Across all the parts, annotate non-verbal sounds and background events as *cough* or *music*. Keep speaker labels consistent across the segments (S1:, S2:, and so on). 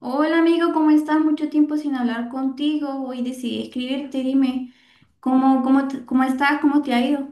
S1: Hola amigo, ¿cómo estás? Mucho tiempo sin hablar contigo. Hoy decidí escribirte. Dime, ¿cómo estás? ¿Cómo te ha ido?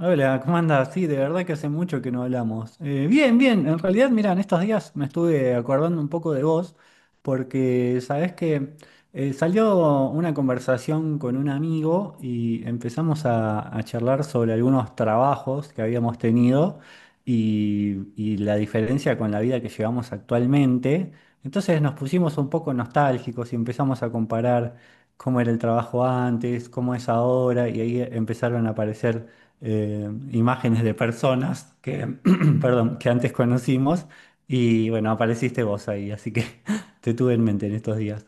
S2: Hola, ¿cómo andas? Sí, de verdad que hace mucho que no hablamos. Bien, bien, en realidad, mira, en estos días me estuve acordando un poco de vos, porque sabés que salió una conversación con un amigo y empezamos a charlar sobre algunos trabajos que habíamos tenido y la diferencia con la vida que llevamos actualmente. Entonces nos pusimos un poco nostálgicos y empezamos a comparar cómo era el trabajo antes, cómo es ahora, y ahí empezaron a aparecer imágenes de personas que, *clears throat* perdón, que antes conocimos y bueno, apareciste vos ahí, así que *laughs* te tuve en mente en estos días.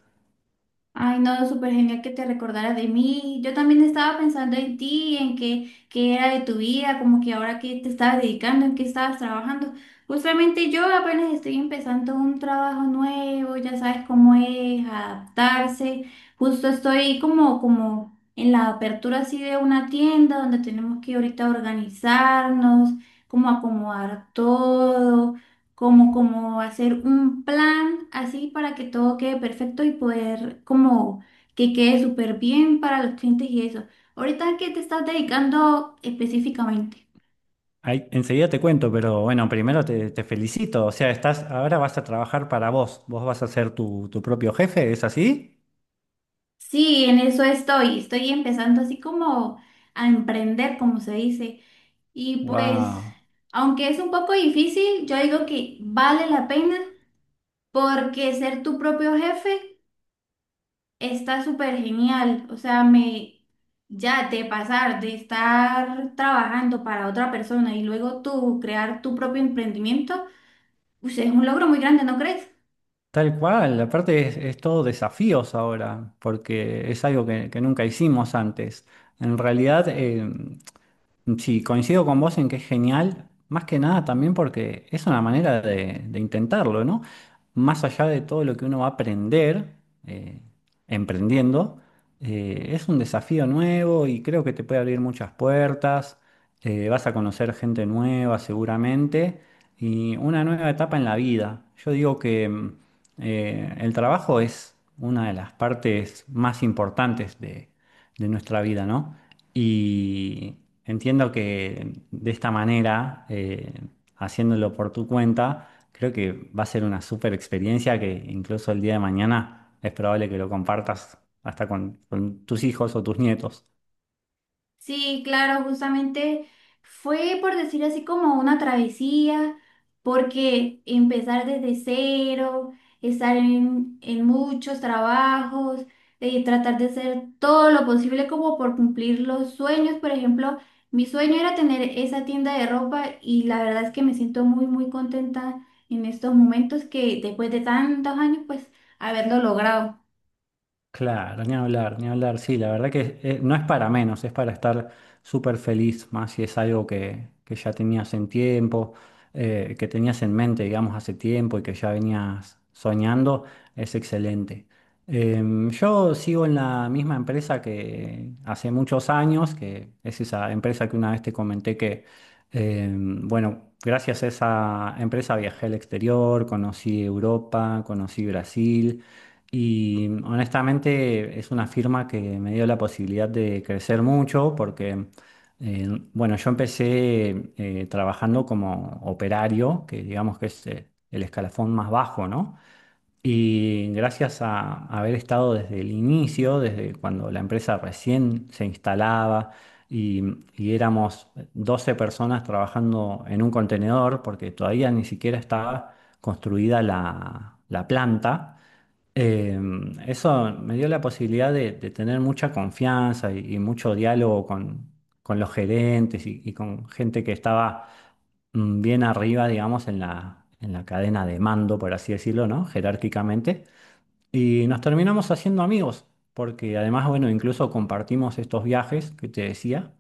S1: Ay, no, súper genial que te recordaras de mí. Yo también estaba pensando en ti, en qué era de tu vida, como que ahora qué te estabas dedicando, en qué estabas trabajando. Justamente yo apenas estoy empezando un trabajo nuevo, ya sabes cómo es adaptarse. Justo estoy como en la apertura así de una tienda donde tenemos que ahorita organizarnos, como acomodar todo como hacer un plan así para que todo quede perfecto y poder como que quede súper bien para los clientes y eso. ¿Ahorita a qué te estás dedicando específicamente?
S2: Ahí, enseguida te cuento, pero bueno, primero te felicito, o sea, estás, ahora vas a trabajar para vos, vos vas a ser tu propio jefe, ¿es así?
S1: Sí, en eso estoy. Estoy empezando así como a emprender, como se dice. Y pues,
S2: ¡Wow!
S1: aunque es un poco difícil, yo digo que vale la pena porque ser tu propio jefe está súper genial, o sea, me ya de pasar de estar trabajando para otra persona y luego tú crear tu propio emprendimiento, pues es un logro muy grande, ¿no crees?
S2: Tal cual, aparte es todo desafíos ahora, porque es algo que nunca hicimos antes. En realidad, sí, coincido con vos en que es genial, más que nada también porque es una manera de intentarlo, ¿no? Más allá de todo lo que uno va a aprender eh, emprendiendo, es un desafío nuevo y creo que te puede abrir muchas puertas, vas a conocer gente nueva seguramente y una nueva etapa en la vida. Yo digo que el trabajo es una de las partes más importantes de nuestra vida, ¿no? Y entiendo que de esta manera, haciéndolo por tu cuenta, creo que va a ser una súper experiencia que incluso el día de mañana es probable que lo compartas hasta con tus hijos o tus nietos.
S1: Sí, claro, justamente fue por decir así como una travesía, porque empezar desde cero, estar en muchos trabajos, tratar de hacer todo lo posible como por cumplir los sueños. Por ejemplo, mi sueño era tener esa tienda de ropa y la verdad es que me siento muy, muy contenta en estos momentos que después de tantos años, pues haberlo logrado.
S2: Claro, ni hablar, ni hablar. Sí, la verdad que no es para menos, es para estar súper feliz, más si es algo que ya tenías en tiempo, que tenías en mente, digamos, hace tiempo y que ya venías soñando, es excelente. Yo sigo en la misma empresa que hace muchos años, que es esa empresa que una vez te comenté que, bueno, gracias a esa empresa viajé al exterior, conocí Europa, conocí Brasil. Y honestamente es una firma que me dio la posibilidad de crecer mucho porque, eh, bueno, yo empecé trabajando como operario, que digamos que es el escalafón más bajo, ¿no? Y gracias a haber estado desde el inicio, desde cuando la empresa recién se instalaba y, y éramos 12 personas trabajando en un contenedor, porque todavía ni siquiera estaba construida la planta. Eh, Eso me dio la posibilidad de tener mucha confianza y mucho diálogo con los gerentes y con gente que estaba bien arriba, digamos, en la cadena de mando, por así decirlo, ¿no? Jerárquicamente. Y nos terminamos haciendo amigos, porque además, bueno, incluso compartimos estos viajes que te decía.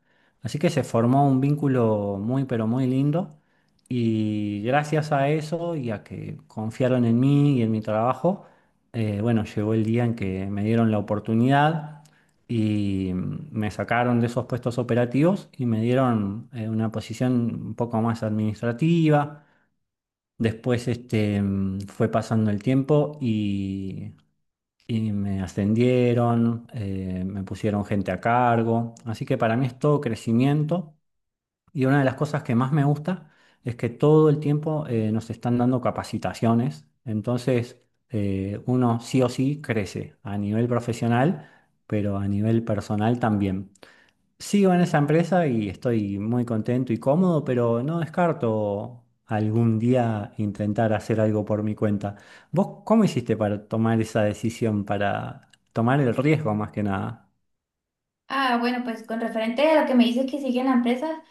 S2: Así que se formó un vínculo muy, pero muy lindo. Y gracias a eso y a que confiaron en mí y en mi trabajo, bueno, llegó el día en que me dieron la oportunidad y me sacaron de esos puestos operativos y me dieron una posición un poco más administrativa. Después este, fue pasando el tiempo y me ascendieron, me pusieron gente a cargo, así que para mí es todo crecimiento y una de las cosas que más me gusta es que todo el tiempo nos están dando capacitaciones, entonces uno sí o sí crece a nivel profesional, pero a nivel personal también. Sigo en esa empresa y estoy muy contento y cómodo, pero no descarto algún día intentar hacer algo por mi cuenta. ¿Vos cómo hiciste para tomar esa decisión, para tomar el riesgo más que nada?
S1: Ah, bueno, pues con referente a lo que me dices que sigue en la empresa.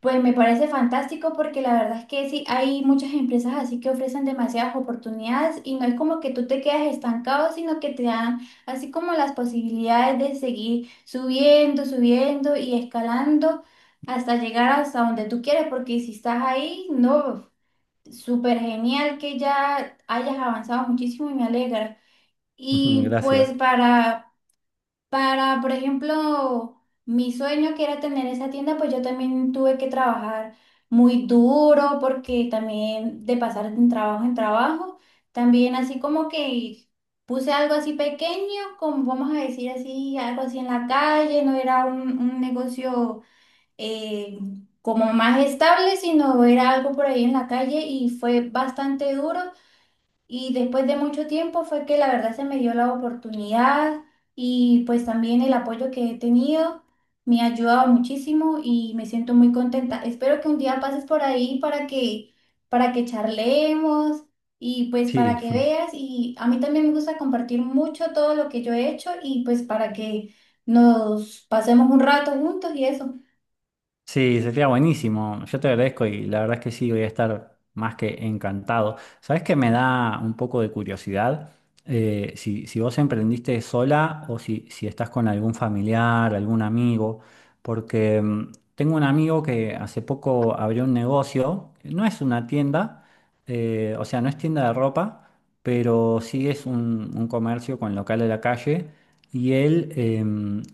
S1: Pues me parece fantástico porque la verdad es que sí, hay muchas empresas así que ofrecen demasiadas oportunidades y no es como que tú te quedas estancado, sino que te dan así como las posibilidades de seguir subiendo, subiendo y escalando hasta llegar hasta donde tú quieres, porque si estás ahí, no, súper genial que ya hayas avanzado muchísimo y me alegra.
S2: *laughs*
S1: Y
S2: Gracias.
S1: pues para... Para, por ejemplo, mi sueño que era tener esa tienda, pues yo también tuve que trabajar muy duro porque también de pasar de trabajo en trabajo, también así como que puse algo así pequeño, como vamos a decir así, algo así en la calle, no era un negocio eh, como más estable, sino era algo por ahí en la calle y fue bastante duro y después de mucho tiempo fue que la verdad se me dio la oportunidad y pues también el apoyo que he tenido me ha ayudado muchísimo y me siento muy contenta. Espero que un día pases por ahí para que charlemos y pues para
S2: Sí.
S1: que veas y a mí también me gusta compartir mucho todo lo que yo he hecho y pues para que nos pasemos un rato juntos y eso.
S2: Sí, sería buenísimo. Yo te agradezco y la verdad es que sí, voy a estar más que encantado. ¿Sabes que me da un poco de curiosidad? Si, si vos emprendiste sola o si, si estás con algún familiar, algún amigo, porque tengo un amigo que hace poco abrió un negocio, no es una tienda, o sea, no es tienda de ropa, pero sí es un comercio con local de la calle y él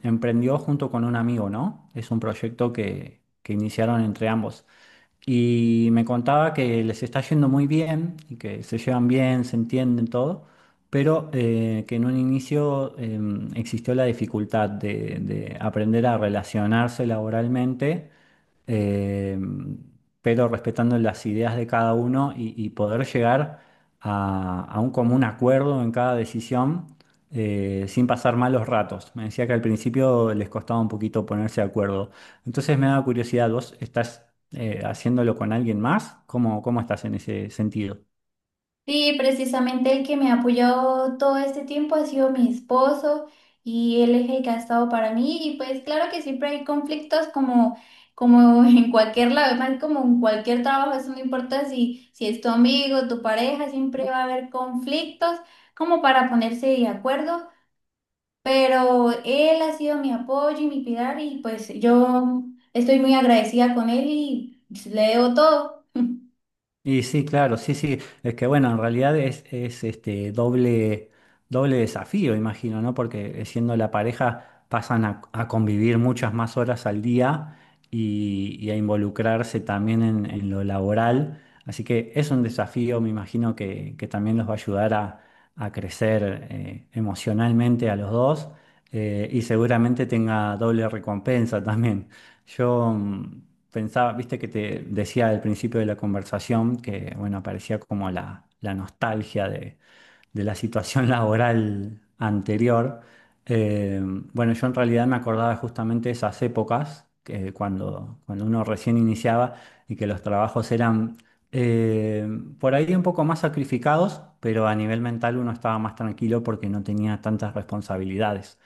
S2: emprendió junto con un amigo, ¿no? Es un proyecto que iniciaron entre ambos. Y me contaba que les está yendo muy bien y que se llevan bien, se entienden todo, pero que en un inicio existió la dificultad de aprender a relacionarse laboralmente eh, pero respetando las ideas de cada uno y poder llegar a un común acuerdo en cada decisión sin pasar malos ratos. Me decía que al principio les costaba un poquito ponerse de acuerdo. Entonces me da curiosidad, ¿vos estás haciéndolo con alguien más? ¿Cómo, cómo estás en ese sentido?
S1: Sí, precisamente el que me ha apoyado todo este tiempo ha sido mi esposo y él es el que ha estado para mí y pues claro que siempre hay conflictos como, como *laughs* en cualquier lado, más como en cualquier trabajo, eso no importa si es tu amigo, tu pareja, siempre va a haber conflictos como para ponerse de acuerdo, pero él ha sido mi apoyo y mi pilar y pues yo estoy muy agradecida con él y le debo todo.
S2: Y sí, claro, sí, sí. Es que bueno, en realidad es este doble, doble desafío, imagino, ¿no? Porque siendo la pareja pasan a convivir muchas más horas al día y a involucrarse también en lo laboral. Así que es un desafío, me imagino, que también los va a ayudar a crecer emocionalmente a los dos y seguramente tenga doble recompensa también. Yo pensaba, viste que te decía al principio de la conversación que, bueno, aparecía como la nostalgia de la situación *laughs* laboral anterior, eh, bueno, yo en realidad me acordaba justamente esas épocas, que cuando, cuando uno recién iniciaba y que los trabajos eran eh, por ahí un poco más sacrificados, pero a nivel mental uno estaba más tranquilo porque no tenía tantas responsabilidades.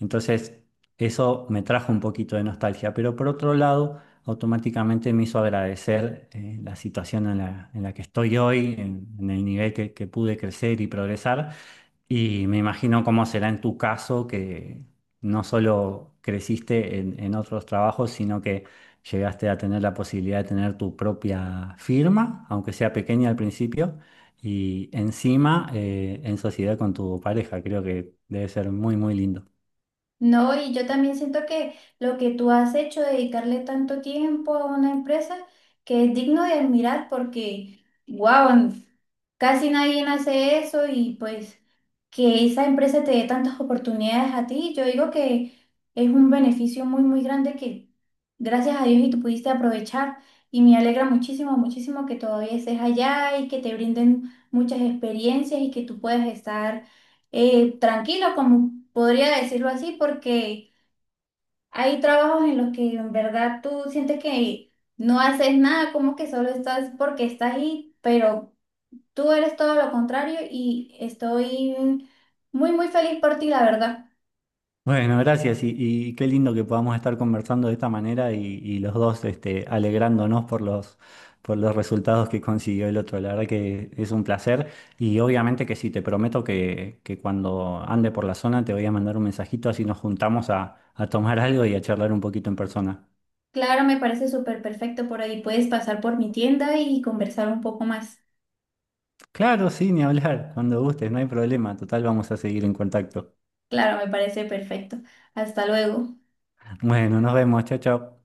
S2: Entonces, eso me trajo un poquito de nostalgia, pero por otro lado automáticamente me hizo agradecer la situación en la que estoy hoy, en el nivel que pude crecer y progresar. Y me imagino cómo será en tu caso, que no solo creciste en otros trabajos, sino que llegaste a tener la posibilidad de tener tu propia firma, aunque sea pequeña al principio, y encima en sociedad con tu pareja. Creo que debe ser muy, muy lindo.
S1: No, y yo también siento que lo que tú has hecho, dedicarle tanto tiempo a una empresa, que es digno de admirar porque, wow, casi nadie hace eso y pues que esa empresa te dé tantas oportunidades a ti, yo digo que es un beneficio muy, muy grande que gracias a Dios y tú pudiste aprovechar y me alegra muchísimo, muchísimo que todavía estés allá y que te brinden muchas experiencias y que tú puedas estar tranquilo, como podría decirlo así, porque hay trabajos en los que en verdad tú sientes que no haces nada, como que solo estás porque estás ahí, pero tú eres todo lo contrario y estoy muy, muy feliz por ti, la verdad.
S2: Bueno, gracias y qué lindo que podamos estar conversando de esta manera y los dos este, alegrándonos por los resultados que consiguió el otro. La verdad que es un placer y obviamente que sí, te prometo que cuando ande por la zona te voy a mandar un mensajito así nos juntamos a tomar algo y a charlar un poquito en persona.
S1: Claro, me parece súper perfecto por ahí. Puedes pasar por mi tienda y conversar un poco más.
S2: Claro, sí, ni hablar, cuando gustes, no hay problema, total vamos a seguir en contacto.
S1: Claro, me parece perfecto. Hasta luego.
S2: Bueno, nos vemos, chao, chao.